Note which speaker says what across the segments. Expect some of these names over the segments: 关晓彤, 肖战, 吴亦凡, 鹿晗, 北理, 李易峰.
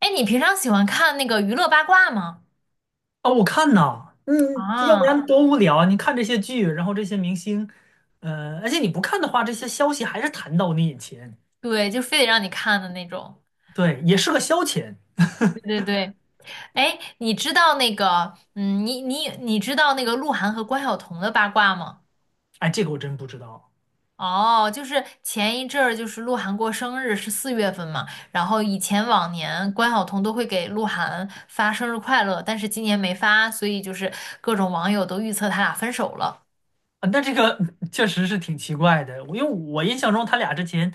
Speaker 1: 哎，你平常喜欢看那个娱乐八卦吗？
Speaker 2: 啊，我看呐，要不
Speaker 1: 啊，
Speaker 2: 然多无聊啊！你看这些剧，然后这些明星，而且你不看的话，这些消息还是弹到你眼前。
Speaker 1: 对，就非得让你看的那种。
Speaker 2: 对，也是个消遣。
Speaker 1: 对对对，哎，你知道那个，你知道那个鹿晗和关晓彤的八卦吗？
Speaker 2: 哎，这个我真不知道。
Speaker 1: 哦，就是前一阵儿，就是鹿晗过生日是四月份嘛，然后以前往年关晓彤都会给鹿晗发生日快乐，但是今年没发，所以就是各种网友都预测他俩分手了。
Speaker 2: 啊，那这个 确实是挺奇怪的。我因为我印象中他俩之前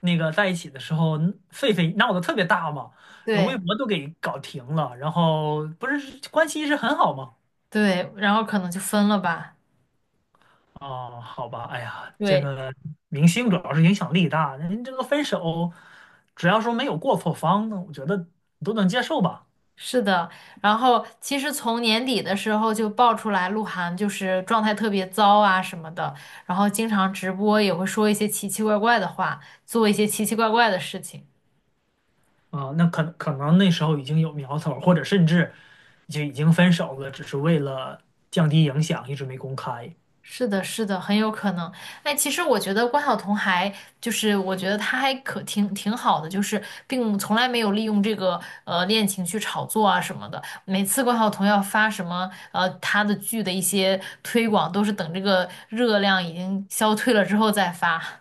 Speaker 2: 那个在一起的时候，狒狒闹得特别大嘛，然后微
Speaker 1: 对
Speaker 2: 博都给搞停了，然后不是关系一直很好吗？
Speaker 1: 对，然后可能就分了吧。
Speaker 2: 哦，好吧。哎呀，这
Speaker 1: 对。
Speaker 2: 个明星主要是影响力大，人这个分手，只要说没有过错方，那我觉得都能接受吧。
Speaker 1: 是的，然后其实从年底的时候就爆出来鹿晗就是状态特别糟啊什么的，然后经常直播也会说一些奇奇怪怪的话，做一些奇奇怪怪的事情。
Speaker 2: 啊、那可能那时候已经有苗头，或者甚至就已经分手了，只是为了降低影响，一直没公开。
Speaker 1: 是的，是的，很有可能。哎，其实我觉得关晓彤还就是我觉得她还可挺好的，就是并从来没有利用这个恋情去炒作啊什么的。每次关晓彤要发什么她的剧的一些推广，都是等这个热量已经消退了之后再发。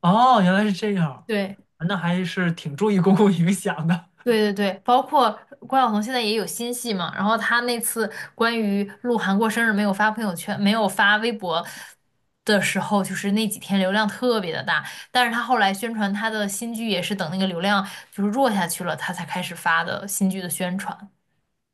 Speaker 2: 哦，原来是这样，
Speaker 1: 对
Speaker 2: 那还是挺注意公共影响的。
Speaker 1: 对对对，包括关晓彤现在也有新戏嘛，然后她那次关于鹿晗过生日没有发朋友圈，没有发微博的时候，就是那几天流量特别的大，但是她后来宣传她的新剧也是等那个流量就是弱下去了，她才开始发的新剧的宣传。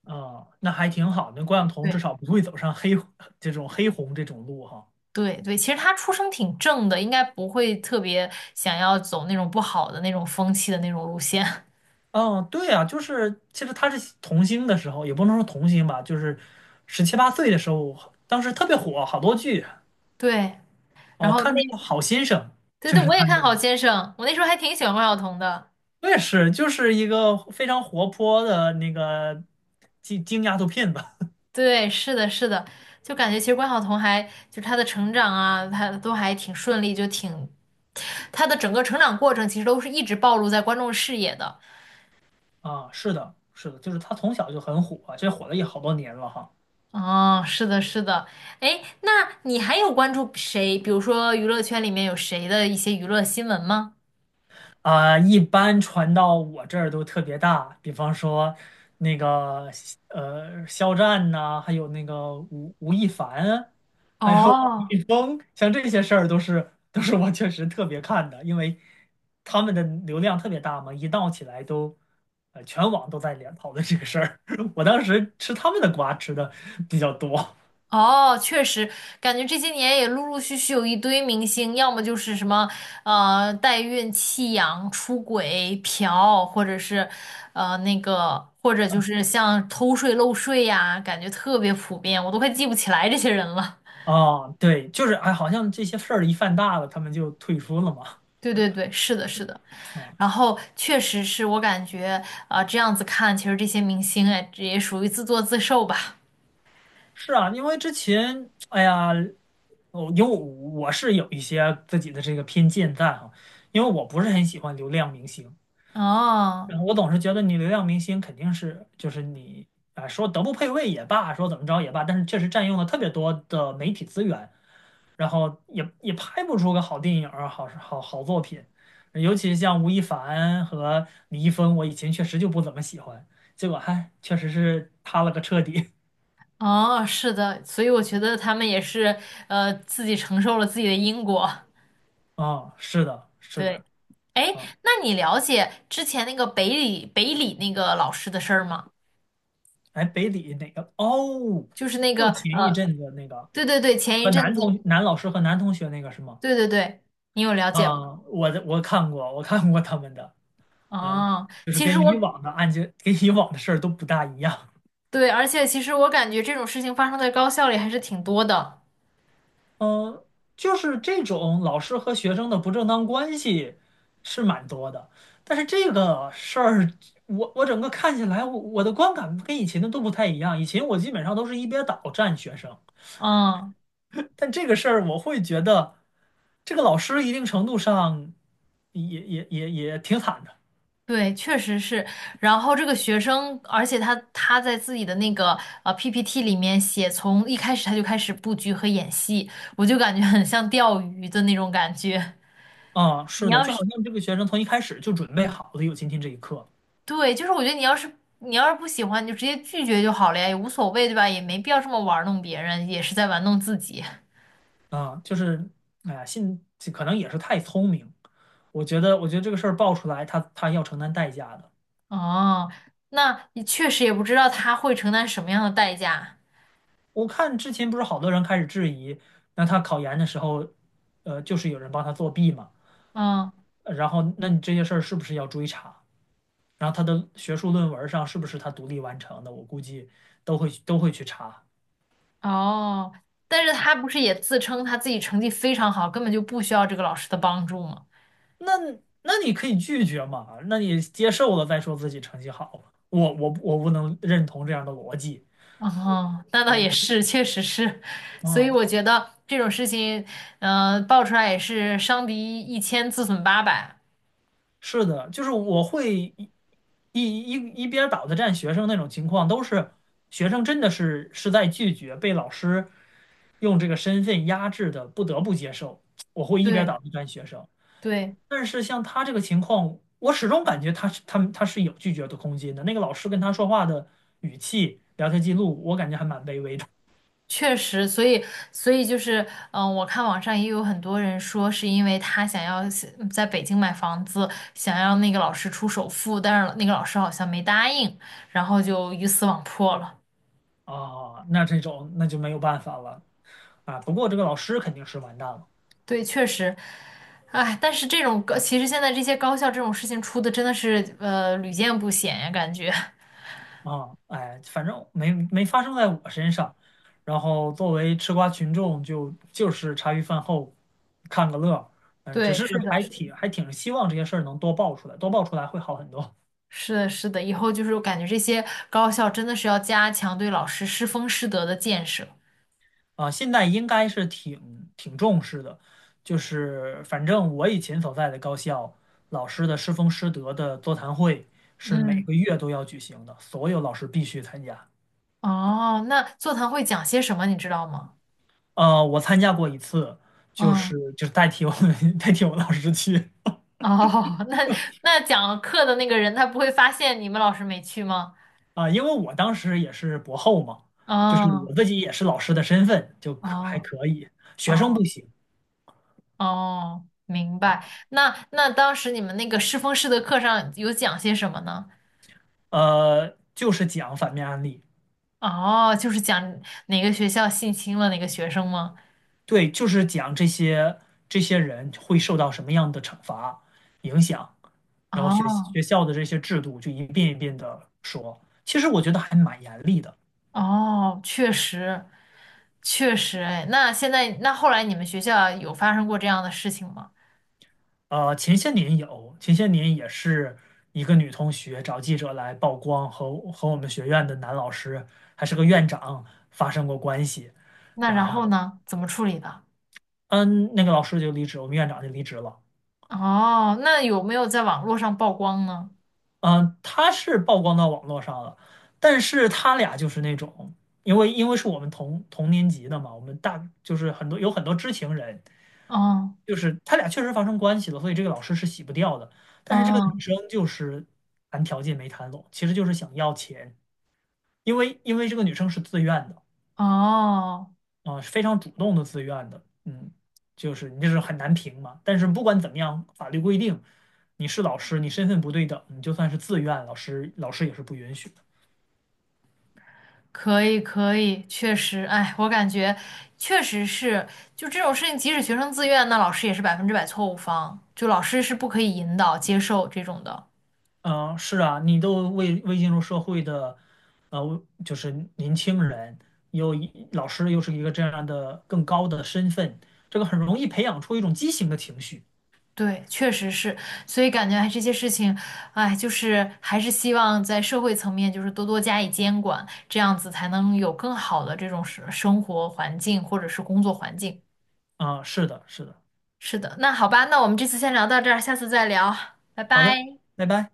Speaker 2: 啊、那还挺好的，那关晓彤至
Speaker 1: 对
Speaker 2: 少不会走上黑 这种黑红这种路哈。
Speaker 1: 对对，其实她出身挺正的，应该不会特别想要走那种不好的那种风气的那种路线。
Speaker 2: 嗯，对啊，就是其实他是童星的时候，也不能说童星吧，就是十七八岁的时候，当时特别火，好多剧
Speaker 1: 对，然
Speaker 2: 哦，
Speaker 1: 后
Speaker 2: 看那个《好先生》，
Speaker 1: 对
Speaker 2: 就
Speaker 1: 对，
Speaker 2: 是
Speaker 1: 我也
Speaker 2: 他演
Speaker 1: 看好
Speaker 2: 的。
Speaker 1: 先生，我那时候还挺喜欢关晓彤的。
Speaker 2: 我也是，就是一个非常活泼的那个京京丫头片子。
Speaker 1: 对，是的，是的，就感觉其实关晓彤还就是她的成长啊，她都还挺顺利，她的整个成长过程其实都是一直暴露在观众视野的。
Speaker 2: 啊，是的，是的，就是他从小就很火，这火了也好多年了哈。
Speaker 1: 哦，是的，是的，哎，那你还有关注谁？比如说娱乐圈里面有谁的一些娱乐新闻吗？
Speaker 2: 啊、一般传到我这儿都特别大，比方说那个呃肖战呐、还有那个吴亦凡，还有李
Speaker 1: 哦
Speaker 2: 易峰，像这些事儿都是我确实特别看的，因为他们的流量特别大嘛，一闹起来都呃全网都在聊讨论这个事儿。我当时吃他们的瓜吃的比较多。
Speaker 1: 哦，确实，感觉这些年也陆陆续续有一堆明星，要么就是什么代孕、弃养、出轨、嫖，或者是那个，或者就是像偷税漏税呀，感觉特别普遍，我都快记不起来这些人了。
Speaker 2: 啊、对，就是哎，好像这些事儿一犯大了，他们就退出了嘛。
Speaker 1: 对对对，是的，是的。
Speaker 2: 啊。
Speaker 1: 然后确实是我感觉啊、这样子看，其实这些明星哎，这也属于自作自受吧。
Speaker 2: 是啊，因为之前，哎呀，我是有一些自己的这个偏见在哈，因为我不是很喜欢流量明星，
Speaker 1: 哦
Speaker 2: 然后我总是觉得你流量明星肯定是就是你啊，说德不配位也罢，说怎么着也罢，但是确实占用了特别多的媒体资源，然后也拍不出个好电影儿、好作品，尤其像吴亦凡和李易峰，我以前确实就不怎么喜欢，结果还确实是塌了个彻底。
Speaker 1: 哦，是的，所以我觉得他们也是自己承受了自己的因果。
Speaker 2: 啊，是的，是的。
Speaker 1: 对，哎，
Speaker 2: 啊。
Speaker 1: 那你了解之前那个北理那个老师的事儿吗？
Speaker 2: 哎，北理哪个？哦，
Speaker 1: 就是那
Speaker 2: 就
Speaker 1: 个，
Speaker 2: 前一阵子那个
Speaker 1: 对对对，前一
Speaker 2: 和
Speaker 1: 阵
Speaker 2: 男
Speaker 1: 子，
Speaker 2: 同男老师和男同学那个是吗？
Speaker 1: 对对对，你有了解吗？
Speaker 2: 啊、我看过，我看过他们的。嗯，
Speaker 1: 啊，
Speaker 2: 就是
Speaker 1: 其实
Speaker 2: 跟以
Speaker 1: 我
Speaker 2: 往的案件，跟以往的事儿都不大一样。
Speaker 1: 对，而且其实我感觉这种事情发生在高校里还是挺多的。
Speaker 2: 嗯，就是这种老师和学生的不正当关系是蛮多的，但是这个事儿，我整个看起来，我的观感跟以前的都不太一样。以前我基本上都是一边倒站学生，
Speaker 1: 嗯，
Speaker 2: 但这个事儿我会觉得，这个老师一定程度上也挺惨的。
Speaker 1: 对，确实是。然后这个学生，而且他在自己的那个PPT 里面写，从一开始他就开始布局和演戏，我就感觉很像钓鱼的那种感觉。
Speaker 2: 啊，
Speaker 1: 你
Speaker 2: 是的，
Speaker 1: 要
Speaker 2: 就好
Speaker 1: 是
Speaker 2: 像这个学生从一开始就准备好了有今天这一刻。
Speaker 1: 对，就是我觉得你要是不喜欢，你就直接拒绝就好了呀，也无所谓，对吧？也没必要这么玩弄别人，也是在玩弄自己。
Speaker 2: 啊，就是哎呀，信可能也是太聪明，我觉得这个事儿爆出来，他他要承担代价的。
Speaker 1: 哦，那你确实也不知道他会承担什么样的代价。
Speaker 2: 我看之前不是好多人开始质疑，那他考研的时候，呃，就是有人帮他作弊嘛，
Speaker 1: 嗯，
Speaker 2: 呃然后那你这些事儿是不是要追查？然后他的学术论文上是不是他独立完成的，我估计都会去查。
Speaker 1: 哦，但是他不是也自称他自己成绩非常好，根本就不需要这个老师的帮助吗？
Speaker 2: 那那你可以拒绝嘛？那你接受了再说自己成绩好，我不能认同这样的逻辑。
Speaker 1: 哦，那倒
Speaker 2: 啊，啊，
Speaker 1: 也是，确实是。所以我觉得这种事情，爆出来也是伤敌一千，自损八百。
Speaker 2: 是的，就是我会一一一边倒的站学生那种情况，都是学生真的是在拒绝被老师用这个身份压制的，不得不接受。我会一边
Speaker 1: 对
Speaker 2: 倒的站学生。
Speaker 1: 对。
Speaker 2: 但是像他这个情况，我始终感觉他是有拒绝的空间的。那个老师跟他说话的语气、聊天记录，我感觉还蛮卑微的。
Speaker 1: 确实，所以就是，我看网上也有很多人说，是因为他想要是在北京买房子，想要那个老师出首付，但是那个老师好像没答应，然后就鱼死网破了。
Speaker 2: 啊，那这种那就没有办法了。啊，不过这个老师肯定是完蛋了。
Speaker 1: 对，确实，哎，但是这种高，其实现在这些高校这种事情出的真的是屡见不鲜呀，感觉。
Speaker 2: 啊，哎，反正没发生在我身上。然后作为吃瓜群众就，就是茶余饭后看个乐儿。嗯，只
Speaker 1: 对，
Speaker 2: 是
Speaker 1: 是的，
Speaker 2: 还
Speaker 1: 是的，
Speaker 2: 挺还挺希望这些事儿能多爆出来，多爆出来会好很多。
Speaker 1: 是的，是的，以后就是我感觉这些高校真的是要加强对老师师风师德的建设。
Speaker 2: 啊，现在应该是挺挺重视的，就是反正我以前所在的高校老师的师风师德的座谈会是每
Speaker 1: 嗯。
Speaker 2: 个月都要举行的，所有老师必须参加。
Speaker 1: 哦，那座谈会讲些什么，你知道吗？
Speaker 2: 呃，我参加过一次，就
Speaker 1: 嗯，
Speaker 2: 是就是代替我 代替我老师去。
Speaker 1: 哦，那那讲课的那个人他不会发现你们老师没去吗？
Speaker 2: 啊，因为我当时也是博后嘛，就是
Speaker 1: 哦，
Speaker 2: 我自己也是老师的身份，就可还
Speaker 1: 哦，
Speaker 2: 可以，学生不
Speaker 1: 哦，
Speaker 2: 行。
Speaker 1: 哦，明白。那那当时你们那个师风师的课上有讲些什么呢？
Speaker 2: 呃，就是讲反面案例。
Speaker 1: 哦，就是讲哪个学校性侵了哪个学生吗？
Speaker 2: 对，就是讲这些这些人会受到什么样的惩罚影响，然后学
Speaker 1: 哦，
Speaker 2: 学校的这些制度就一遍一遍的说。其实我觉得还蛮严厉的。
Speaker 1: 哦，确实，确实，哎，那现在那后来你们学校有发生过这样的事情吗？
Speaker 2: 呃，前些年有，前些年也是一个女同学找记者来曝光和我们学院的男老师还是个院长发生过关系，
Speaker 1: 那
Speaker 2: 然
Speaker 1: 然后
Speaker 2: 后
Speaker 1: 呢？怎么处理的？
Speaker 2: 嗯，那个老师就离职，我们院长就离职了。
Speaker 1: 哦，那有没有在网络上曝光呢？
Speaker 2: 嗯，他是曝光到网络上了，但是他俩就是那种，因为是我们同年级的嘛，我们大就是很多有很多知情人，
Speaker 1: 哦
Speaker 2: 就是他俩确实发生关系了，所以这个老师是洗不掉的。但是这个女
Speaker 1: 哦
Speaker 2: 生就是谈条件没谈拢，其实就是想要钱，因为这个女生是自愿的。
Speaker 1: 哦，
Speaker 2: 啊，是非常主动的自愿的。嗯，就是你这是很难评嘛。但是不管怎么样，法律规定你是老师，你身份不对等，你就算是自愿，老师也是不允许的。
Speaker 1: 可以可以，确实，哎，我感觉确实是，就这种事情，即使学生自愿，那老师也是百分之百错误方，就老师是不可以引导接受这种的。
Speaker 2: 嗯，是啊，你都未进入社会的，呃，就是年轻人，又一老师又是一个这样的更高的身份，这个很容易培养出一种畸形的情绪。
Speaker 1: 对，确实是，所以感觉哎，这些事情，哎，就是还是希望在社会层面，就是多多加以监管，这样子才能有更好的这种生活环境或者是工作环境。
Speaker 2: 啊，是的，是的。
Speaker 1: 是的，那好吧，那我们这次先聊到这儿，下次再聊，拜
Speaker 2: 好
Speaker 1: 拜。
Speaker 2: 的，拜拜。